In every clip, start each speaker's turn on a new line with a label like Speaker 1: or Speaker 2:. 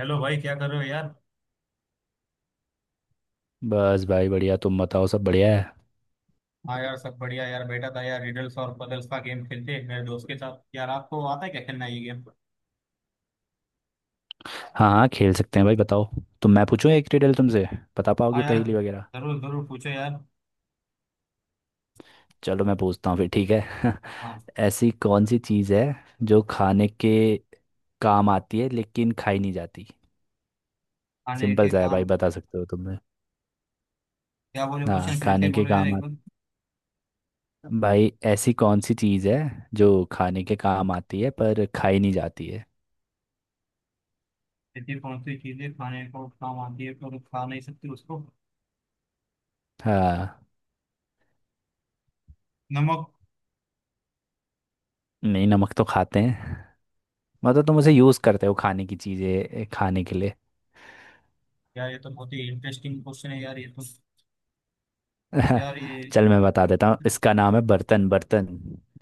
Speaker 1: Hello भाई, क्या कर रहे हो यार।
Speaker 2: बस भाई बढ़िया। तुम बताओ, सब बढ़िया है।
Speaker 1: हाँ यार सब बढ़िया यार, बैठा था यार रिडल्स और पजल्स का गेम खेलते हैं मेरे दोस्त के साथ। यार आपको आता है क्या खेलना ये गेम?
Speaker 2: हाँ हाँ, खेल सकते हैं भाई, बताओ। तो मैं पूछूं एक रिडल तुमसे, बता
Speaker 1: हाँ
Speaker 2: पाओगे
Speaker 1: यार,
Speaker 2: पहेली वगैरह?
Speaker 1: जरूर जरूर पूछो यार।
Speaker 2: चलो मैं पूछता हूँ फिर, ठीक है।
Speaker 1: हाँ
Speaker 2: ऐसी कौन सी चीज़ है जो खाने के काम आती है लेकिन खाई नहीं जाती।
Speaker 1: खाने
Speaker 2: सिंपल
Speaker 1: के
Speaker 2: सा है भाई,
Speaker 1: काम।
Speaker 2: बता सकते हो तुमने?
Speaker 1: क्या बोले?
Speaker 2: हाँ,
Speaker 1: क्वेश्चन फिर से
Speaker 2: खाने के
Speaker 1: बोलो यार
Speaker 2: काम
Speaker 1: एक
Speaker 2: आ,
Speaker 1: बार।
Speaker 2: भाई ऐसी कौन सी चीज़ है जो खाने के काम आती है पर खाई नहीं जाती है।
Speaker 1: ऐसी कौन सी चीजें खाने को काम आती है पर खा नहीं सकती उसको?
Speaker 2: हाँ।
Speaker 1: नमक।
Speaker 2: नहीं, नमक तो खाते हैं। मतलब तुम उसे यूज़ करते हो खाने की चीज़ें खाने के लिए।
Speaker 1: यार ये तो बहुत ही इंटरेस्टिंग क्वेश्चन है यार, ये तो। यार ये।
Speaker 2: चल मैं बता देता हूँ, इसका नाम है बर्तन। बर्तन,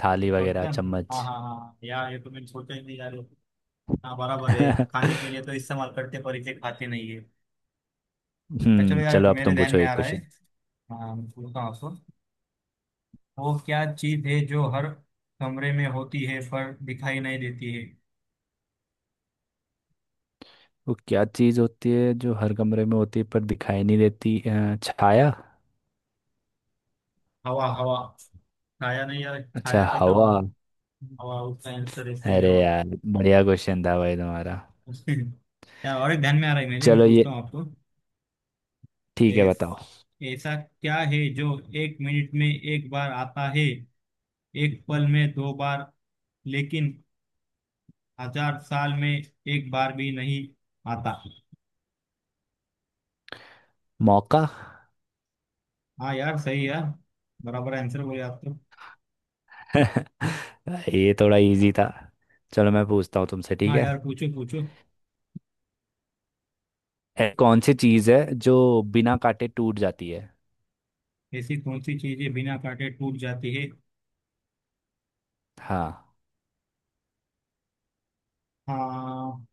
Speaker 2: थाली वगैरह,
Speaker 1: बर्तन। हाँ
Speaker 2: चम्मच।
Speaker 1: हाँ हाँ यार, ये तो मैंने सोचा ही नहीं यार। हाँ बराबर है,
Speaker 2: हम्म।
Speaker 1: खाने के लिए तो इस्तेमाल करते पर इसे खाते नहीं है। चलो यार,
Speaker 2: चलो अब
Speaker 1: मेरे
Speaker 2: तुम
Speaker 1: ध्यान
Speaker 2: पूछो
Speaker 1: में आ
Speaker 2: एक
Speaker 1: रहा है।
Speaker 2: क्वेश्चन।
Speaker 1: हाँ, मैं बोलता हूँ आपको। वो क्या चीज है जो हर कमरे में होती है पर दिखाई नहीं देती है?
Speaker 2: वो क्या चीज़ होती है जो हर कमरे में होती है पर दिखाई नहीं देती? छाया।
Speaker 1: हवा, हवा। छाया नहीं यार,
Speaker 2: अच्छा,
Speaker 1: छाया कैसा
Speaker 2: हवा।
Speaker 1: होगा। हवा उसका आंसर है, सही
Speaker 2: अरे
Speaker 1: जवाब।
Speaker 2: यार बढ़िया क्वेश्चन था भाई तुम्हारा।
Speaker 1: यार, और एक ध्यान में आ रहा है मेरे। मैं
Speaker 2: चलो ये
Speaker 1: पूछता हूँ आपको।
Speaker 2: ठीक है,
Speaker 1: एस,
Speaker 2: बताओ।
Speaker 1: ऐसा क्या है जो एक मिनट में एक बार आता है, एक पल में दो बार, लेकिन हजार साल में एक बार भी नहीं आता?
Speaker 2: मौका।
Speaker 1: हाँ यार, सही यार। बराबर आंसर बोले आप तो।
Speaker 2: ये थोड़ा इजी था। चलो मैं पूछता हूँ तुमसे, ठीक
Speaker 1: हाँ
Speaker 2: है।
Speaker 1: यार, पूछो पूछो।
Speaker 2: कौन सी चीज़ है जो बिना काटे टूट जाती है?
Speaker 1: ऐसी कौन सी चीजें बिना काटे टूट जाती है?
Speaker 2: हाँ।
Speaker 1: हाँ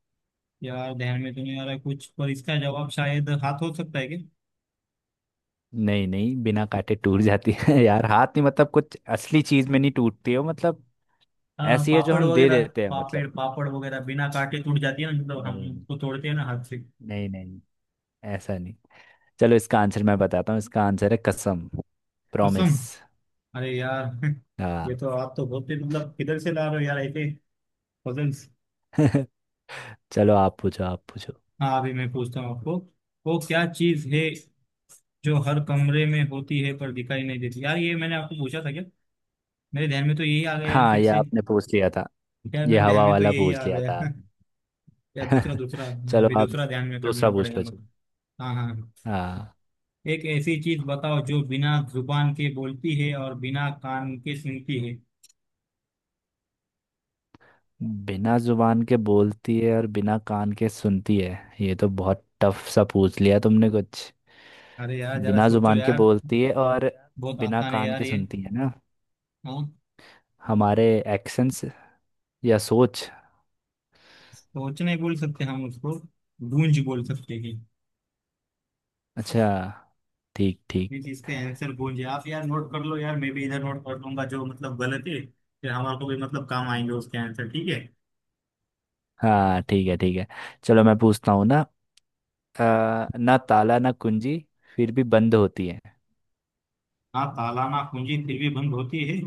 Speaker 1: यार, ध्यान में तो नहीं आ रहा है कुछ, पर इसका जवाब शायद हाथ हो सकता है क्या?
Speaker 2: नहीं नहीं, बिना काटे टूट जाती है। यार हाथ नहीं, मतलब कुछ असली चीज में नहीं टूटती हो मतलब। ऐसी है जो हम दे देते हैं मतलब।
Speaker 1: पापड़ वगैरह बिना काटे टूट जाती है ना, मतलब हम
Speaker 2: नहीं।
Speaker 1: उसको तोड़ते हैं ना हाथ से।
Speaker 2: नहीं नहीं नहीं। ऐसा नहीं। चलो इसका आंसर मैं बताता हूँ, इसका आंसर है कसम,
Speaker 1: कसम।
Speaker 2: प्रॉमिस।
Speaker 1: अरे यार
Speaker 2: हाँ।
Speaker 1: ये तो, आप तो बहुत ही मतलब किधर से ला रहे हो यार ऐसे। पजल्स।
Speaker 2: चलो आप पूछो, आप पूछो।
Speaker 1: हाँ, अभी मैं पूछता हूँ आपको। वो क्या चीज है जो हर कमरे में होती है पर दिखाई नहीं देती? यार ये मैंने आपको पूछा था क्या? मेरे ध्यान में तो यही आ गया यार
Speaker 2: हाँ,
Speaker 1: फिर
Speaker 2: ये
Speaker 1: से।
Speaker 2: आपने पूछ लिया था।
Speaker 1: यार,
Speaker 2: ये
Speaker 1: मेरे ध्यान
Speaker 2: हवा
Speaker 1: में तो
Speaker 2: वाला
Speaker 1: यही
Speaker 2: पूछ
Speaker 1: आ
Speaker 2: लिया था
Speaker 1: गया या दूसरा,
Speaker 2: आपने।
Speaker 1: दूसरा।
Speaker 2: चलो
Speaker 1: अभी
Speaker 2: आप,
Speaker 1: दूसरा ध्यान में
Speaker 2: दूसरा
Speaker 1: करना
Speaker 2: पूछ
Speaker 1: पड़ेगा
Speaker 2: लो
Speaker 1: मेरे
Speaker 2: चलो।
Speaker 1: को। हाँ हाँ हाँ।
Speaker 2: हाँ।
Speaker 1: एक ऐसी चीज बताओ जो बिना जुबान के बोलती है और बिना कान के सुनती है।
Speaker 2: बिना जुबान के बोलती है और बिना कान के सुनती है? ये तो बहुत टफ सा पूछ लिया तुमने कुछ।
Speaker 1: अरे यार, जरा
Speaker 2: बिना
Speaker 1: सोचो
Speaker 2: जुबान के
Speaker 1: यार।
Speaker 2: बोलती है और
Speaker 1: बहुत
Speaker 2: बिना
Speaker 1: आसान है
Speaker 2: कान
Speaker 1: यार
Speaker 2: के
Speaker 1: ये।
Speaker 2: सुनती है ना?
Speaker 1: हाँ।
Speaker 2: हमारे एक्शंस या सोच।
Speaker 1: सोच नहीं बोल सकते हम उसको। गूंज बोल सकते हैं।
Speaker 2: अच्छा, ठीक ठीक।
Speaker 1: ये चीज का आंसर गूंज है। आप यार नोट कर लो यार, मैं भी इधर नोट कर लूंगा जो मतलब गलत है। फिर हमारे को भी मतलब काम आएंगे उसके आंसर, ठीक है।
Speaker 2: हाँ ठीक है, ठीक है। चलो मैं पूछता हूँ ना। ना ताला ना कुंजी, फिर भी बंद होती है।
Speaker 1: हाँ, ताला ना पूंजी फिर भी बंद होती है।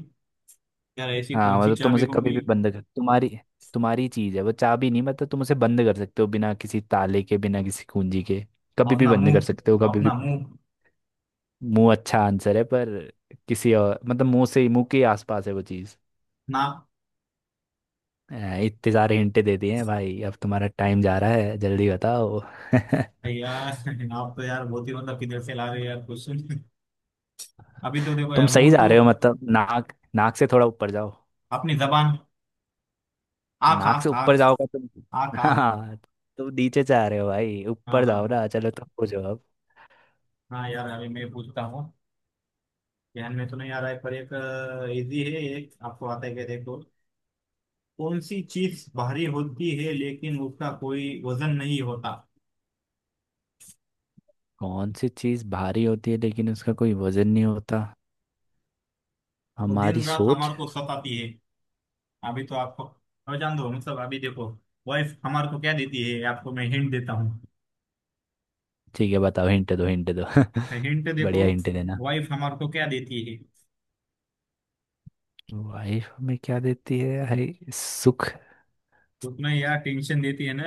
Speaker 1: यार ऐसी
Speaker 2: हाँ
Speaker 1: कौन सी
Speaker 2: मतलब तुम
Speaker 1: चाबी
Speaker 2: उसे कभी
Speaker 1: होगी?
Speaker 2: भी बंद कर, तुम्हारी तुम्हारी चीज है वो, चाबी नहीं, मतलब तुम उसे बंद कर सकते हो बिना किसी ताले के, बिना किसी कुंजी के। कभी भी
Speaker 1: अपना
Speaker 2: बंद कर
Speaker 1: मुंह,
Speaker 2: सकते हो, कभी भी।
Speaker 1: अपना मुंह।
Speaker 2: मुंह, अच्छा आंसर है पर किसी और मतलब, मुंह से मुंह के आसपास है वो चीज।
Speaker 1: ना।
Speaker 2: इतने सारे हिंटे दे दिए हैं भाई, अब तुम्हारा टाइम जा रहा है, जल्दी बताओ।
Speaker 1: है यार, आप तो यार बहुत ही मतलब किधर से ला रहे हो यार क्वेश्चन। अभी तो देखो
Speaker 2: तुम
Speaker 1: यार,
Speaker 2: सही
Speaker 1: मुंह
Speaker 2: जा
Speaker 1: तो।
Speaker 2: रहे हो मतलब, नाक, नाक से थोड़ा ऊपर जाओ।
Speaker 1: अपनी जबान। आख,
Speaker 2: नाक से
Speaker 1: आख, आख।
Speaker 2: ऊपर जाओगे तुम।
Speaker 1: आख, आख।
Speaker 2: हाँ। तुम नीचे जा रहे हो भाई,
Speaker 1: हाँ
Speaker 2: ऊपर जाओ
Speaker 1: हाँ
Speaker 2: ना। चलो तुम पूछो अब।
Speaker 1: हाँ। यार अभी मैं पूछता हूँ। ध्यान में तो नहीं आ रहा है पर एक इजी है एक। आपको आता है क्या देखो कौन सी चीज भारी होती है लेकिन उसका कोई वजन नहीं होता?
Speaker 2: कौन सी चीज़ भारी होती है लेकिन उसका कोई वजन नहीं होता?
Speaker 1: वो
Speaker 2: हमारी
Speaker 1: दिन रात
Speaker 2: सोच।
Speaker 1: हमारे को सताती है। अभी तो आपको और जान दो, मतलब अभी देखो। वाइफ हमारे को क्या देती है? आपको मैं हिंट देता हूँ।
Speaker 2: ठीक है बताओ, हिंट दो हिंट दो।
Speaker 1: हिंट देखो।
Speaker 2: बढ़िया हिंट देना।
Speaker 1: वाइफ हमारे को क्या देती है?
Speaker 2: वाइफ हमें क्या देती है भाई? सुख?
Speaker 1: सुख में यार टेंशन देती है ना।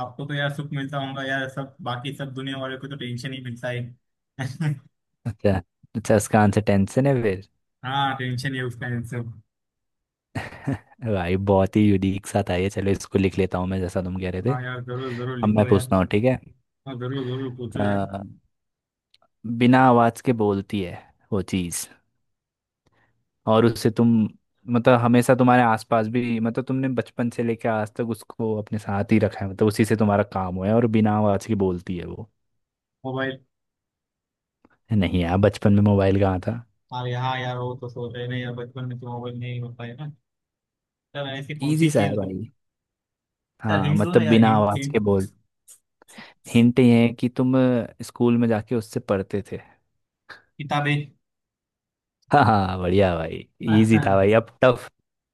Speaker 1: आपको तो यार सुख मिलता होगा यार, सब बाकी सब दुनिया वाले को तो टेंशन ही मिलता है।
Speaker 2: अच्छा, अच्छा इसका आंसर टेंशन है।
Speaker 1: हाँ, टेंशन ही है उसका आंसर।
Speaker 2: भाई बहुत ही यूनिक सा था ये, चलो इसको लिख लेता हूँ मैं जैसा तुम कह रहे थे।
Speaker 1: हाँ यार, जरूर जरूर
Speaker 2: अब
Speaker 1: लिख
Speaker 2: मैं
Speaker 1: लो यार।
Speaker 2: पूछता हूँ, ठीक है।
Speaker 1: हाँ, जरूर जरूर पूछो यार।
Speaker 2: अ, बिना आवाज के बोलती है वो चीज, और उससे तुम मतलब हमेशा तुम्हारे आसपास भी, मतलब तुमने बचपन से लेकर आज तक उसको अपने साथ ही रखा है, मतलब उसी से तुम्हारा काम हुआ है, और बिना आवाज के बोलती है वो।
Speaker 1: मोबाइल।
Speaker 2: नहीं यार, बचपन में मोबाइल कहाँ था।
Speaker 1: अरे हाँ, यहाँ यार वो तो सोच रहे ना यार, बचपन में तो मोबाइल नहीं होता है ना। यार ऐसी कौन
Speaker 2: इजी
Speaker 1: सी
Speaker 2: सा है
Speaker 1: चीज।
Speaker 2: भाई।
Speaker 1: यार
Speaker 2: हाँ
Speaker 1: हिंट दो ना
Speaker 2: मतलब
Speaker 1: यार,
Speaker 2: बिना
Speaker 1: हिंट
Speaker 2: आवाज के
Speaker 1: हिंट।
Speaker 2: बोल। हिंट ये है कि तुम स्कूल में जाके उससे पढ़ते थे।
Speaker 1: किताबें
Speaker 2: हाँ हाँ, बढ़िया भाई। इजी था
Speaker 1: हाँ।
Speaker 2: भाई, अब टफ।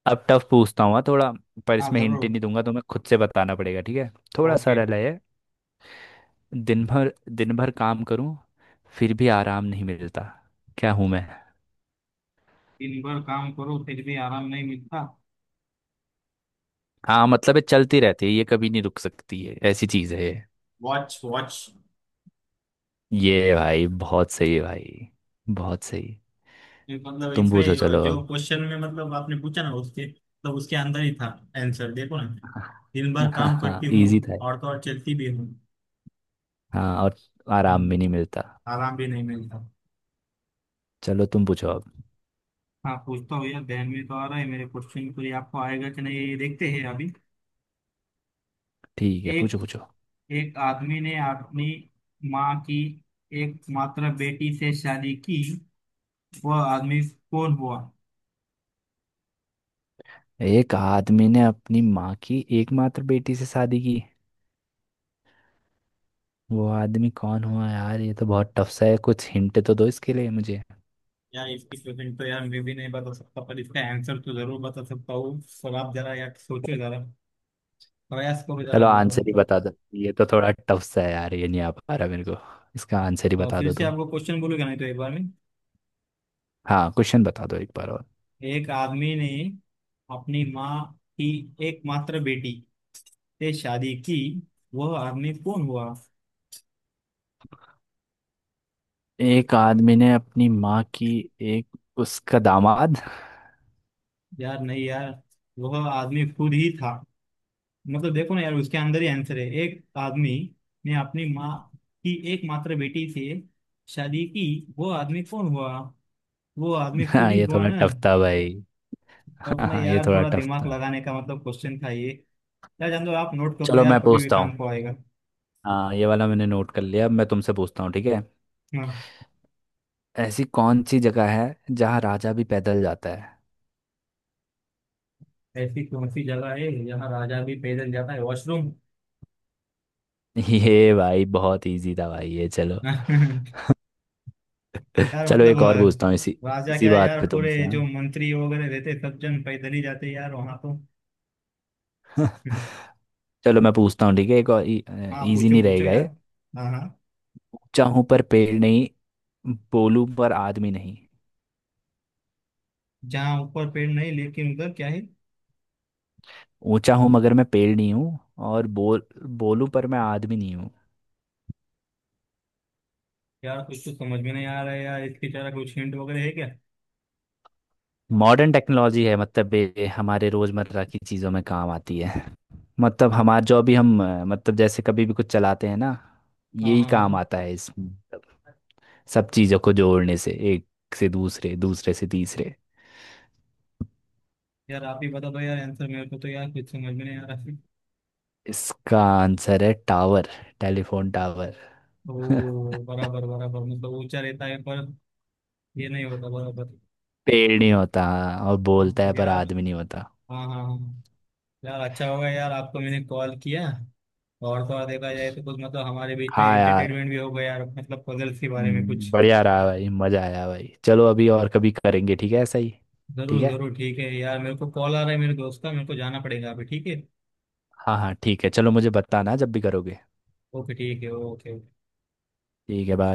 Speaker 2: अब टफ पूछता हूँ हाँ, थोड़ा। पर इसमें हिंट
Speaker 1: जरूर।
Speaker 2: नहीं दूंगा, तुम्हें खुद से बताना पड़ेगा, ठीक है। थोड़ा
Speaker 1: ओके।
Speaker 2: सरल है ये। दिन भर, दिन भर काम करूँ, फिर भी आराम नहीं मिलता, क्या हूँ मैं?
Speaker 1: दिन भर काम करो फिर भी आराम नहीं मिलता।
Speaker 2: हाँ मतलब ये चलती रहती है, ये कभी नहीं रुक सकती है, ऐसी चीज है ये।
Speaker 1: Watch, watch.
Speaker 2: ये भाई बहुत सही है भाई, बहुत सही।
Speaker 1: ये मतलब,
Speaker 2: तुम पूछो
Speaker 1: इसमें
Speaker 2: चलो
Speaker 1: जो
Speaker 2: अब।
Speaker 1: क्वेश्चन में मतलब आपने पूछा ना, उसके मतलब उसके अंदर ही था। आंसर देखो ना। दिन भर
Speaker 2: हाँ
Speaker 1: काम
Speaker 2: हाँ,
Speaker 1: करती हूँ।
Speaker 2: इजी था ये।
Speaker 1: और तो और चलती भी हूँ।
Speaker 2: हाँ, और आराम
Speaker 1: हम्म,
Speaker 2: भी नहीं मिलता।
Speaker 1: आराम भी नहीं मिलता।
Speaker 2: चलो तुम पूछो अब।
Speaker 1: हाँ, पूछता हूँ यार, ध्यान में तो आ रहा है मेरे क्वेश्चन को, ये आपको आएगा कि नहीं ये देखते हैं अभी।
Speaker 2: ठीक है, पूछो
Speaker 1: एक
Speaker 2: पूछो।
Speaker 1: एक आदमी ने अपनी माँ की एकमात्र बेटी से शादी की, वह आदमी कौन हुआ?
Speaker 2: एक आदमी ने अपनी माँ की एकमात्र बेटी से शादी की, वो आदमी कौन हुआ? यार ये तो बहुत टफ सा है, कुछ हिंट तो दो इसके लिए मुझे।
Speaker 1: यार इसकी क्वेश्चन तो यार मैं भी नहीं बता सकता, पर इसका आंसर तो जरूर बता सकता हूँ। और आप जरा यार सोचो जरा। प्रयास करो जरा,
Speaker 2: चलो
Speaker 1: बाल
Speaker 2: आंसर ही
Speaker 1: मतलब।
Speaker 2: बता दो, ये तो थोड़ा टफ सा है यार, ये नहीं आ पा रहा मेरे को। इसका आंसर ही बता
Speaker 1: फिर
Speaker 2: दो
Speaker 1: से
Speaker 2: तुम।
Speaker 1: आपको क्वेश्चन बोलूंगा नहीं तो एक बार में।
Speaker 2: हाँ क्वेश्चन बता दो एक बार और।
Speaker 1: एक आदमी ने अपनी माँ की एकमात्र बेटी से शादी की, वह आदमी कौन हुआ?
Speaker 2: एक आदमी ने अपनी माँ की एक, उसका दामाद।
Speaker 1: यार नहीं यार। वह आदमी खुद ही था। मतलब देखो ना यार, उसके अंदर ही आंसर है। एक आदमी ने अपनी माँ की एकमात्र बेटी से शादी की, वो आदमी कौन हुआ? वो आदमी खुद
Speaker 2: हाँ
Speaker 1: ही
Speaker 2: ये
Speaker 1: हुआ
Speaker 2: थोड़ा
Speaker 1: ना।
Speaker 2: टफ था भाई।
Speaker 1: तो
Speaker 2: हाँ
Speaker 1: अपना
Speaker 2: हाँ, ये
Speaker 1: यार
Speaker 2: थोड़ा
Speaker 1: थोड़ा
Speaker 2: टफ
Speaker 1: दिमाग
Speaker 2: था।
Speaker 1: लगाने का मतलब क्वेश्चन था ये। यार जान दो, आप नोट कर लो
Speaker 2: चलो
Speaker 1: यार,
Speaker 2: मैं
Speaker 1: कभी भी
Speaker 2: पूछता हूँ।
Speaker 1: काम को आएगा।
Speaker 2: हाँ ये वाला मैंने नोट कर लिया, अब मैं तुमसे पूछता हूँ, ठीक है।
Speaker 1: हाँ।
Speaker 2: ऐसी कौन सी जगह है जहाँ राजा भी पैदल जाता है?
Speaker 1: ऐसी कौन सी जगह है जहाँ राजा भी पैदल जाता है? वॉशरूम।
Speaker 2: ये भाई बहुत इजी था भाई ये, चलो।
Speaker 1: यार
Speaker 2: चलो
Speaker 1: मतलब
Speaker 2: एक और पूछता हूँ इसी,
Speaker 1: राजा
Speaker 2: इसी
Speaker 1: क्या है
Speaker 2: बात
Speaker 1: यार,
Speaker 2: पे
Speaker 1: पूरे
Speaker 2: तुमसे
Speaker 1: जो
Speaker 2: हाँ।
Speaker 1: मंत्री वगैरह रहते हैं, सब जन पैदल ही जाते हैं यार वहां तो।
Speaker 2: चलो मैं पूछता हूँ, ठीक है एक और,
Speaker 1: हाँ,
Speaker 2: इजी
Speaker 1: पूछो
Speaker 2: नहीं
Speaker 1: पूछो
Speaker 2: रहेगा
Speaker 1: यार।
Speaker 2: ये।
Speaker 1: हाँ हाँ।
Speaker 2: ऊंचा हूँ पर पेड़ नहीं, बोलूं पर आदमी नहीं।
Speaker 1: जहाँ ऊपर पेड़ नहीं, लेकिन उधर क्या है?
Speaker 2: ऊंचा हूँ मगर मैं पेड़ नहीं हूँ, और बोल, बोलूं पर मैं आदमी नहीं हूँ।
Speaker 1: यार कुछ तो समझ में नहीं आ रहा है यार, इसकी तरह कुछ हिंट वगैरह है क्या?
Speaker 2: मॉडर्न टेक्नोलॉजी है, मतलब ये हमारे रोज़मर्रा की चीज़ों में काम आती है। मतलब हमारा जो भी हम मतलब जैसे कभी भी कुछ चलाते हैं ना,
Speaker 1: हाँ
Speaker 2: यही
Speaker 1: हाँ
Speaker 2: काम
Speaker 1: हाँ।
Speaker 2: आता है इस। सब चीज़ों को जोड़ने से, एक से दूसरे, दूसरे से तीसरे।
Speaker 1: यार आप ही बता दो यार आंसर, मेरे को तो यार कुछ समझ में नहीं आ रहा है।
Speaker 2: इसका आंसर है टावर, टेलीफोन टावर।
Speaker 1: ओ, बराबर बराबर, मतलब ऊंचा रहता है पर ये नहीं होता बराबर।
Speaker 2: पेड़ नहीं होता हाँ, और बोलता
Speaker 1: हाँ
Speaker 2: है पर
Speaker 1: यार।
Speaker 2: आदमी नहीं होता।
Speaker 1: हाँ हाँ हाँ। यार अच्छा होगा यार, आपको मैंने कॉल किया। और तो और, देखा जाए तो कुछ मतलब हमारे बीच में
Speaker 2: हाँ यार।
Speaker 1: एंटरटेनमेंट भी हो गया यार, मतलब पजल्स के बारे में कुछ।
Speaker 2: बढ़िया रहा भाई, मज़ा आया भाई, चलो अभी और कभी करेंगे ठीक है, ऐसा ही।
Speaker 1: जरूर
Speaker 2: ठीक है।
Speaker 1: जरूर, ठीक है यार, मेरे को कॉल आ रहा है मेरे दोस्त का, मेरे को जाना पड़ेगा अभी, ठीक है।
Speaker 2: हाँ हाँ ठीक है, चलो मुझे बताना जब भी करोगे।
Speaker 1: ओके ठीक है ओके।
Speaker 2: ठीक है, बाय।